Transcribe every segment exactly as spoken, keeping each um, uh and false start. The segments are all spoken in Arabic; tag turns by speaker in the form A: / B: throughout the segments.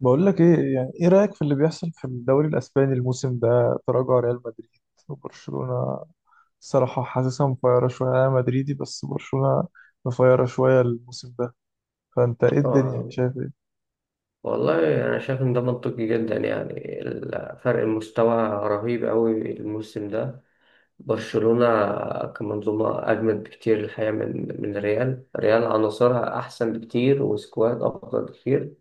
A: بقول لك ايه، يعني ايه رأيك في اللي بيحصل في الدوري الاسباني الموسم ده، تراجع ريال مدريد وبرشلونة. الصراحة حاسسها مفيرة شوية. انا مدريدي بس برشلونة مفيرة شوية الموسم ده. فانت ايه، الدنيا
B: اه،
A: يعني شايف ايه؟
B: والله انا شايف ان ده منطقي جدا. يعني ال- فرق المستوى رهيب قوي الموسم ده. برشلونة كمنظومة اجمد بكتير الحقيقة من من ريال ريال عناصرها احسن بكتير وسكواد افضل بكتير،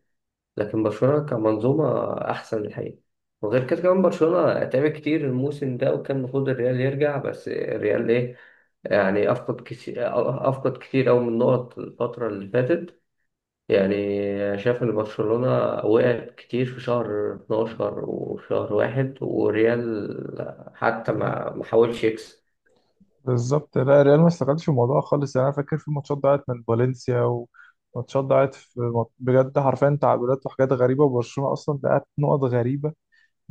B: لكن برشلونة كمنظومة احسن الحقيقة. وغير كده كمان برشلونة تعب كتير الموسم ده، وكان المفروض الريال يرجع، بس الريال ايه يعني؟ افقد كتير، افقد كتير قوي من النقط الفترة اللي فاتت. يعني شايف ان برشلونة وقعت كتير في شهر اتناشر وشهر واحد، وريال حتى
A: مم.
B: ما ما حاولش يكسب.
A: بالظبط. لا ريال ما استغلش الموضوع خالص. يعني انا فاكر في ماتشات ضاعت من فالنسيا وماتشات ضاعت في مط- بجد، حرفيا تعادلات وحاجات غريبة. وبرشلونة اصلا ضيعت نقط غريبة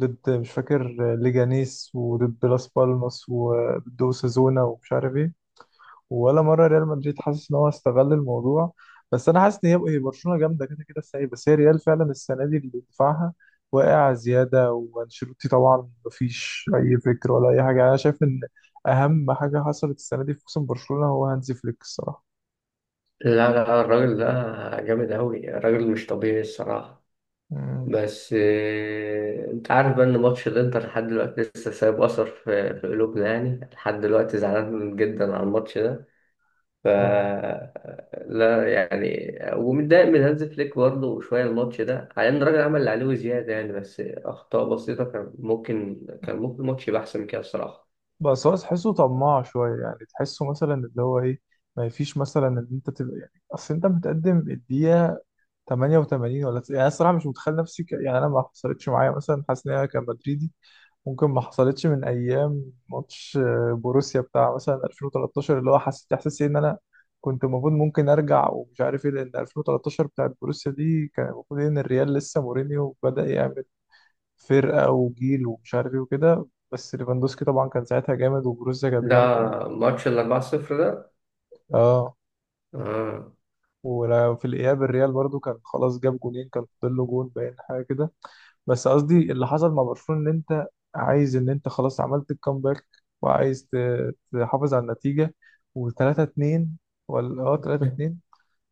A: ضد، مش فاكر، ليجانيس وضد لاس بالماس وضد اوساسونا ومش عارف ايه. ولا مره ريال مدريد حاسس ان هو استغل الموضوع. بس انا حاسس ان هي هي برشلونه جامده كده كده السنه دي. بس هي ريال فعلا السنه دي اللي دفاعها واقع زياده، وانشيلوتي طبعا مفيش اي فكر ولا اي حاجه. انا شايف ان اهم حاجه حصلت السنه دي في موسم برشلونه هو هانزي فليك الصراحه.
B: لا، لا، الراجل ده جامد أوي، راجل مش طبيعي الصراحة.
A: مم.
B: بس آه، انت عارف بقى ان ماتش الانتر لحد دلوقتي لسه سايب اثر في في قلوبنا. يعني لحد دلوقتي زعلان جدا على الماتش ده. ف
A: آه.
B: لا يعني، ومتضايق من هانز فليك برضه شويه الماتش ده، على ان الراجل عمل اللي عليه وزياده، يعني بس اخطاء بسيطه كان ممكن كان ممكن الماتش يبقى احسن من كده الصراحه.
A: بس هو تحسه طماع شويه. يعني تحسه مثلا اللي هو ايه، ما فيش مثلا ان انت تبقى يعني، اصل انت متقدم الدقيقه تمانية وتمانين ولا تس- يعني انا الصراحه مش متخيل نفسي ك... يعني انا ما حصلتش معايا مثلا، حاسس ان انا كمدريدي ممكن ما حصلتش من ايام ماتش آه، بوروسيا بتاع مثلا ألفين وتلتاشر، اللي هو حسيت احساس إيه ان انا كنت المفروض ممكن ارجع ومش عارف ايه. لان ألفين وثلاثة عشر بتاعت بوروسيا دي كان المفروض ان الريال لسه مورينيو بدأ يعمل فرقة وجيل ومش عارف ايه وكده. بس ليفاندوسكي طبعا كان ساعتها جامد وبوروسيا كانت
B: ده
A: جامدة.
B: ماتش ال اربعة لا شيء ده.
A: اه.
B: آه.
A: وفي الاياب الريال برضو كان خلاص جاب جونين، كان فاضل له جون باين حاجة كده. بس قصدي، اللي حصل مع برشلونة ان انت عايز ان انت خلاص عملت الكامباك وعايز ت- تحافظ على النتيجة، و3 2، ولا اه تلاتة اتنين.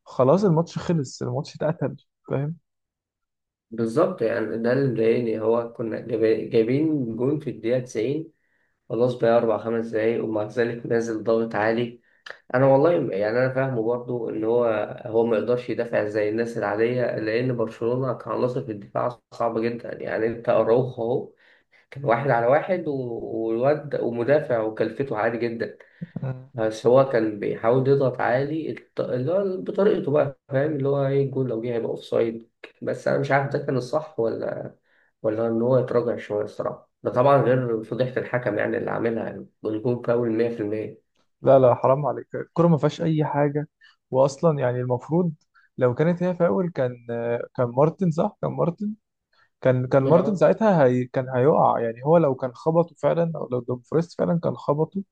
A: خلاص الماتش خلص، الماتش اتقتل، فاهم؟
B: بالظبط، يعني ده اللي مضايقني، هو كنا جايب- جايبين جون في الدقيقه تسعين، خلاص بقى أربع خمس دقايق، ومع ذلك نازل ضغط عالي. انا والله يعني انا فاهمه برضو ان هو هو ما يقدرش يدافع زي الناس العاديه، لان برشلونه كعناصر في الدفاع صعبه جدا. يعني انت اراوخو اهو، كان واحد على واحد و- والواد ومدافع وكلفته عالي جدا.
A: مم.
B: بس هو كان بيحاول يضغط عالي، الط- اللي هو بطريقته بقى، فاهم اللي هو ايه، الجول لو جه هيبقى اوفسايد. بس انا مش عارف ده كان الصح ولا ولا ان هو يتراجع شويه الصراحه. ده طبعا غير فضيحه الحكم، يعني اللي عاملها، يعني الجول فاول ميه في الميه.
A: لا لا، حرام عليك، الكرة ما فيهاش اي حاجة. واصلا يعني المفروض، لو كانت هي فاول، كان كان مارتن، صح؟ كان مارتن. كان كان مارتن
B: اه.
A: ساعتها، هي كان هيقع. يعني هو لو كان خبطه فعلا، او لو دومفريس فعلا كان خبطه،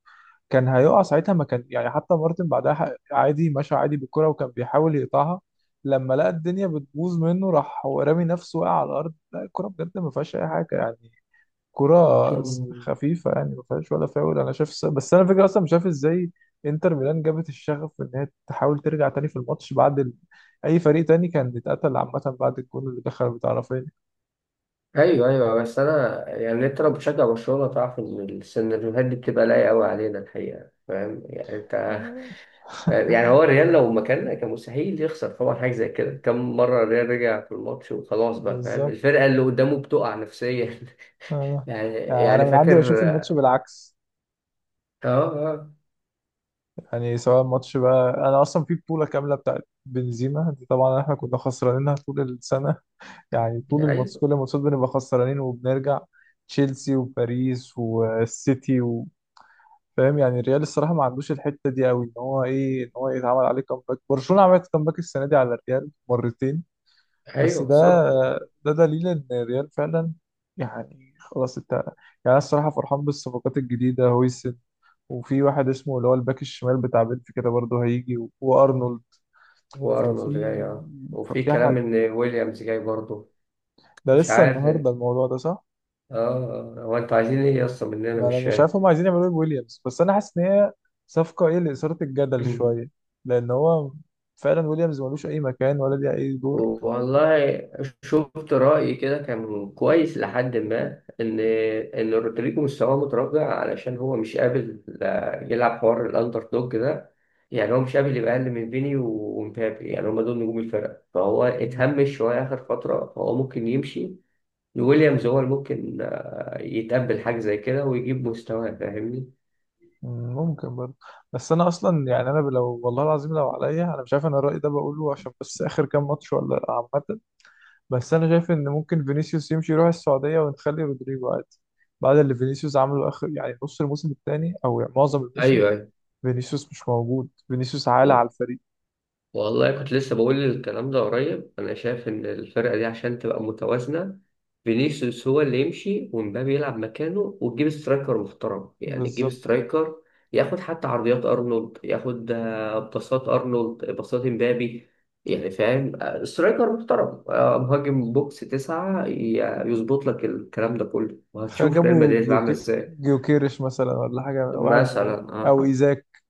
A: كان هيقع ساعتها. ما كان يعني، حتى مارتن بعدها ح- عادي مشى عادي بالكرة وكان بيحاول يقطعها. لما لقى الدنيا بتبوظ منه راح هو رامي نفسه، وقع على الأرض. لا الكرة بجد ما فيهاش أي حاجة يعني. كرة س- خفيفة يعني، ما فيهاش ولا فاول أنا شايف. س- بس أنا فكرة، أصلا مش عارف إزاي إنتر ميلان جابت الشغف إن هي تحاول ترجع تاني في الماتش بعد ال... أي فريق تاني كان اتقتل عامة بعد الجول اللي دخل بتاع رافينيا.
B: ايوه، ايوه، بس انا يعني، انت لو بتشجع برشلونه تعرف ان السيناريوهات دي بتبقى لايقه قوي علينا الحقيقه، فاهم يعني انت؟
A: آه،
B: يعني هو الريال لو مكاننا كان مستحيل يخسر طبعا حاجه زي كده. كم مره الريال رجع في الماتش وخلاص بقى، فاهم
A: بالظبط.
B: الفرقه اللي قدامه بتقع نفسيا.
A: آه.
B: يعني
A: يعني أنا
B: يعني
A: من عندي بشوف
B: فاكر.
A: الماتش
B: اه.
A: بالعكس.
B: اه.
A: يعني سواء الماتش بقى، انا اصلا في بطوله كامله بتاعت بنزيما دي طبعا احنا كنا خسرانينها طول السنه. يعني طول الماتش،
B: ايوه.
A: كل الماتشات بنبقى خسرانين وبنرجع. تشيلسي وباريس والسيتي و- فاهم؟ يعني الريال الصراحه ما عندوش الحته دي قوي، ان هو ايه، ان هو يتعمل عليه كامباك. برشلونه عملت كامباك السنه دي على الريال مرتين. بس
B: ايوه.
A: ده
B: بالظبط.
A: ده دليل ان الريال فعلا يعني خلاص انت يعني. انا الصراحه فرحان بالصفقات الجديده، هويسن، وفي واحد اسمه اللي هو الباك الشمال بتاع بنفيكا كده برضه هيجي و- وارنولد.
B: وارنولد
A: ففي
B: جاي، اه، وفي
A: ففي
B: كلام
A: حاجه،
B: ان ويليامز جاي برضه.
A: ده
B: مش
A: لسه
B: عارف، اه.
A: النهارده، الموضوع ده صح؟
B: آه. هو انتوا عايزين ايه اصلا مننا؟
A: ما انا
B: مش
A: مش
B: فاهم.
A: عارف هم عايزين يعملوا ايه بويليامز. بس انا حاسس ان هي صفقه ايه، لاثاره الجدل شويه. لان هو فعلا ويليامز ملوش اي مكان ولا ليه اي دور.
B: والله شفت رأي كده كان كويس، لحد ما إن إن رودريجو مستواه متراجع، علشان هو مش قابل لا- يلعب حوار الأندر دوج ده. يعني هو مش قابل يبقى أقل من فيني ومبابي، يعني هما دول نجوم الفرقة، فهو اتهمش شوية آخر فترة، فهو ممكن يمشي. ويليامز هو اللي ممكن آه، يتقبل حاجة زي كده ويجيب مستواه. فاهمني؟
A: مم، ممكن برضه. بس انا اصلا يعني، انا لو والله العظيم لو عليا، انا مش عارف انا الراي ده بقوله عشان بس اخر كام ماتش ولا لأ عامه. بس انا شايف ان ممكن فينيسيوس يمشي يروح السعوديه ونخلي رودريجو عادي. بعد اللي فينيسيوس عمله اخر يعني نص الموسم الثاني، او يعني معظم الموسم،
B: ايوه.
A: فينيسيوس مش موجود، فينيسيوس عالة
B: ايوه.
A: على الفريق.
B: والله كنت لسه بقول الكلام ده قريب. انا شايف ان الفرقه دي عشان تبقى متوازنه، فينيسيوس هو اللي يمشي، ومبابي يلعب مكانه، وتجيب سترايكر محترم. يعني تجيب
A: بالظبط.
B: سترايكر ياخد حتى عرضيات ارنولد، ياخد آه، باصات ارنولد، باصات مبابي. يعني فاهم، آه، سترايكر محترم، آه، مهاجم بوكس تسعة، ي- يظبط لك الكلام ده كله،
A: تخيل
B: وهتشوف ريال
A: جابوا
B: مدريد عامل
A: جيوكي
B: ازاي.
A: جيوكيرش مثلا ولا حاجه، واحد من هذه.
B: مثلا،
A: او
B: اه.
A: ايزاك.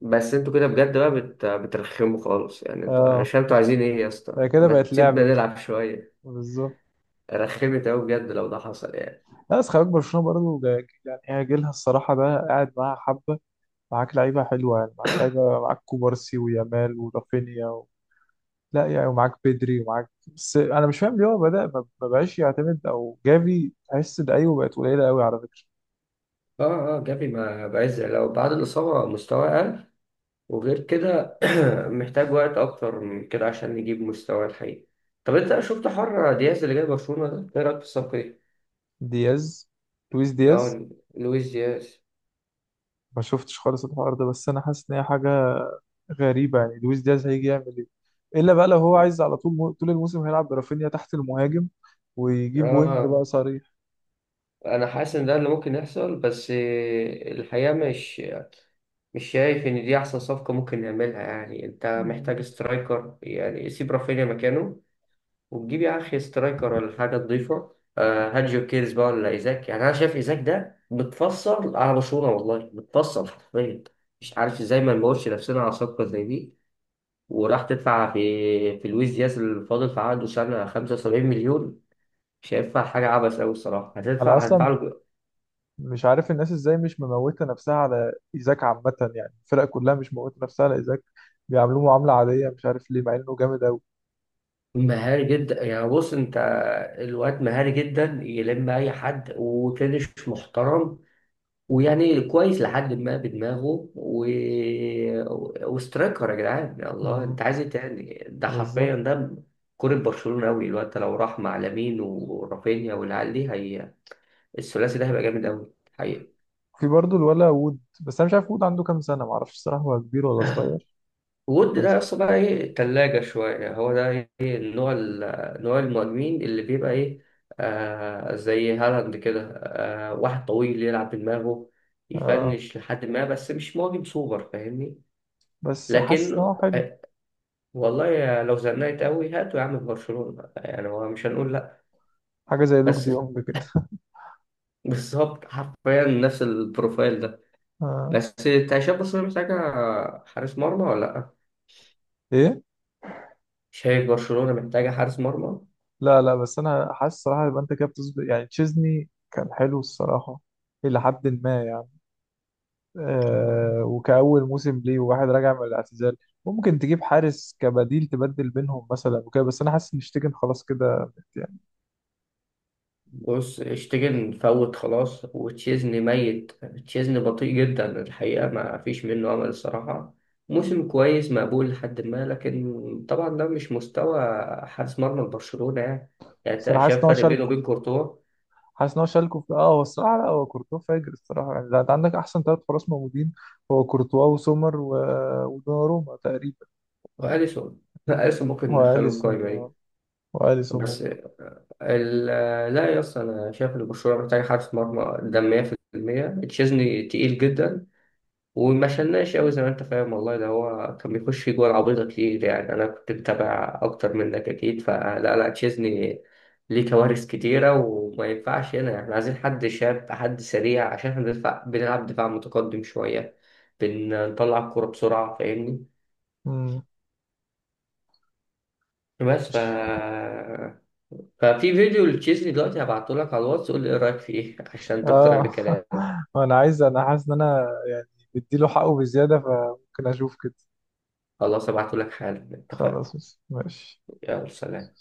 B: بس انتوا كده بجد بقى بت... بترخموا خالص. يعني انتوا، انا مش
A: اه.
B: فاهم انتوا عايزين ايه يا
A: هي
B: اسطى؟
A: كده
B: ما
A: بقت
B: تسيبنا
A: لعبه.
B: نلعب شويه.
A: بالظبط.
B: رخمت قوي بجد لو ده حصل يعني.
A: لا بس خلي بالك برشلونة برضه جا- يعني هي جيلها الصراحة ده قاعد معاها حبة. معاك لعيبة حلوة، يعني معاك لعيبة، معاك كوبارسي ويامال ورافينيا. و... لا يعني، ومعاك بدري ومعاك. بس أنا مش فاهم ليه هو بدأ ما ما بقاش يعتمد أو جافي تحس ده، أيوه بقت قليلة قوي على فكرة.
B: اه. اه، جافي ما بقاش زي، لو بعد الإصابة مستواه أقل. وغير كده محتاج وقت أكتر من كده عشان يجيب مستواه الحقيقي. طب أنت شفت حر دياز اللي جاي برشلونة ده؟ إيه رأيك في الصفقة دي؟
A: دياز. لويس دياز.
B: اه. لويس دياز.
A: ما شفتش خالص الحوار ده، بس أنا حاسس إن هي حاجة غريبة. يعني لويس دياز هيجي يعمل إيه؟ إلا بقى لو هو عايز على طول مو... طول الموسم هيلعب برافينيا تحت المهاجم ويجيب وينج
B: اه.
A: بقى صريح.
B: أنا حاسس إن ده اللي ممكن يحصل، بس الحقيقة مش مش شايف إن دي أحسن صفقة ممكن نعملها. يعني أنت محتاج
A: مم.
B: سترايكر، يعني سيب رافينيا مكانه، وتجيب يا أخي سترايكر، ولا حاجة تضيفه. آه هات جو كيرز بقى، ولا إيزاك. يعني أنا شايف إيزاك ده متفصل على برشلونة، والله متفصل حرفيا. مش عارف إزاي ما نموتش نفسنا على صفقة زي دي، وراح تدفع في في لويس دياز الفاضل في عقده سنة 75 مليون. شايفها حاجة عبث أوي الصراحة.
A: أنا
B: هتدفع هتدفع
A: أصلا
B: له.
A: مش عارف الناس ازاي مش مموتة نفسها على ايزاك عامة. يعني الفرق كلها مش مموتة نفسها على ايزاك، بيعاملوه معاملة عادية، مش عارف ليه، مع انه جامد اوي.
B: مهاري جدا. يعني بص انت، الواد مهاري جدا، يلم اي حد، وفينش محترم، ويعني كويس لحد ما بدماغه، و... وسترايكر. يا جدعان يا الله،
A: امم
B: انت عايز ايه تاني؟ ده حرفيا
A: بالظبط.
B: ده كرة برشلونة قوي الواد ده. لو راح مع لامين ورافينيا والعيال دي، هي الثلاثي ده هيبقى جامد قوي حقيقي.
A: في برضه الولا وود، بس انا مش عارف وود عنده كام سنة، معرفش الصراحة هو كبير ولا صغير.
B: وود ده
A: بس
B: اصلا بقى ايه، تلاجة شوية. هو ده ايه، النوع ال- نوع المهاجمين اللي بيبقى ايه، آه زي هالاند كده، آه واحد طويل يلعب بدماغه،
A: آه
B: يفنش لحد ما، بس مش مهاجم سوبر. فاهمني؟
A: بس حاسس ان
B: لكن
A: هو حلو.
B: آه والله يا- لو زنقت قوي، هاتوا يا عم في برشلونة، يعني هو مش هنقول لا.
A: حاجة زي لوك دي
B: بس
A: يونج كده.
B: بالظبط، حرفيا نفس البروفايل ده.
A: آه.
B: بس انت شايف برشلونة محتاجة حارس مرمى ولا لا؟
A: ايه.
B: شايف برشلونة محتاجة حارس مرمى؟
A: لا لا، بس انا حاسس الصراحة يبقى انت كده بتظبط. يعني تشيزني كان حلو الصراحة إلى حد ما يعني،
B: آه.
A: آه، وكأول موسم ليه وواحد راجع من الاعتزال. ممكن تجيب حارس كبديل تبدل بينهم مثلا وكده، بس انا حاسس ان شتيجن خلاص كده يعني.
B: بص اشتيجن فوت خلاص، وتشيزني ميت. تشيزني بطيء جدا الحقيقة، ما فيش منه أمل الصراحة. موسم كويس مقبول لحد ما، لكن طبعا ده مش مستوى حارس مرمى برشلونة يعني. يعني
A: بس
B: انت
A: انا حاسس ان
B: شايف
A: هو
B: فرق بينه
A: شالكو.
B: وبين كورتوا
A: حاسس ان هو شالكو في اه هو الصراحه، لا، هو كورتوا فاجر الصراحه. يعني ده انت عندك احسن ثلاث حراس موجودين، هو كورتوا وسومر و... ودوناروما تقريبا.
B: وأليسون؟ أليسون ممكن ندخله القايمة
A: واليسون،
B: دي.
A: واليسون
B: بس
A: ممكن.
B: ال- لا يا اسطى، أنا شايف إن برشلونة محتاج حارس مرمى ده ميه في الميه. تشيزني تقيل جدا، وما شلناش قوي زي ما انت فاهم والله. ده هو كان بيخش جوه العبيطة كتير، يعني انا كنت متابع اكتر منك اكيد، فلا، لا تشيزني ليه كوارث كتيره وما ينفعش. هنا احنا عايزين حد شاب، حد سريع، عشان احنا بندفع- بنلعب دفاع متقدم شوية، بنطلع الكورة بسرعة. فاهمني؟
A: مم.
B: بس ف...
A: مش
B: ففي فيديو لتشيزني دلوقتي هبعته لك على الواتس، قول لي ايه رأيك فيه عشان تقتنع
A: اه
B: بكلامي.
A: انا عايز، انا حاسس ان انا يعني بديله حقه بزياده، فممكن اشوف كده.
B: خلاص هبعته لك حالا، اتفقنا.
A: خلاص ماشي.
B: يلا سلام.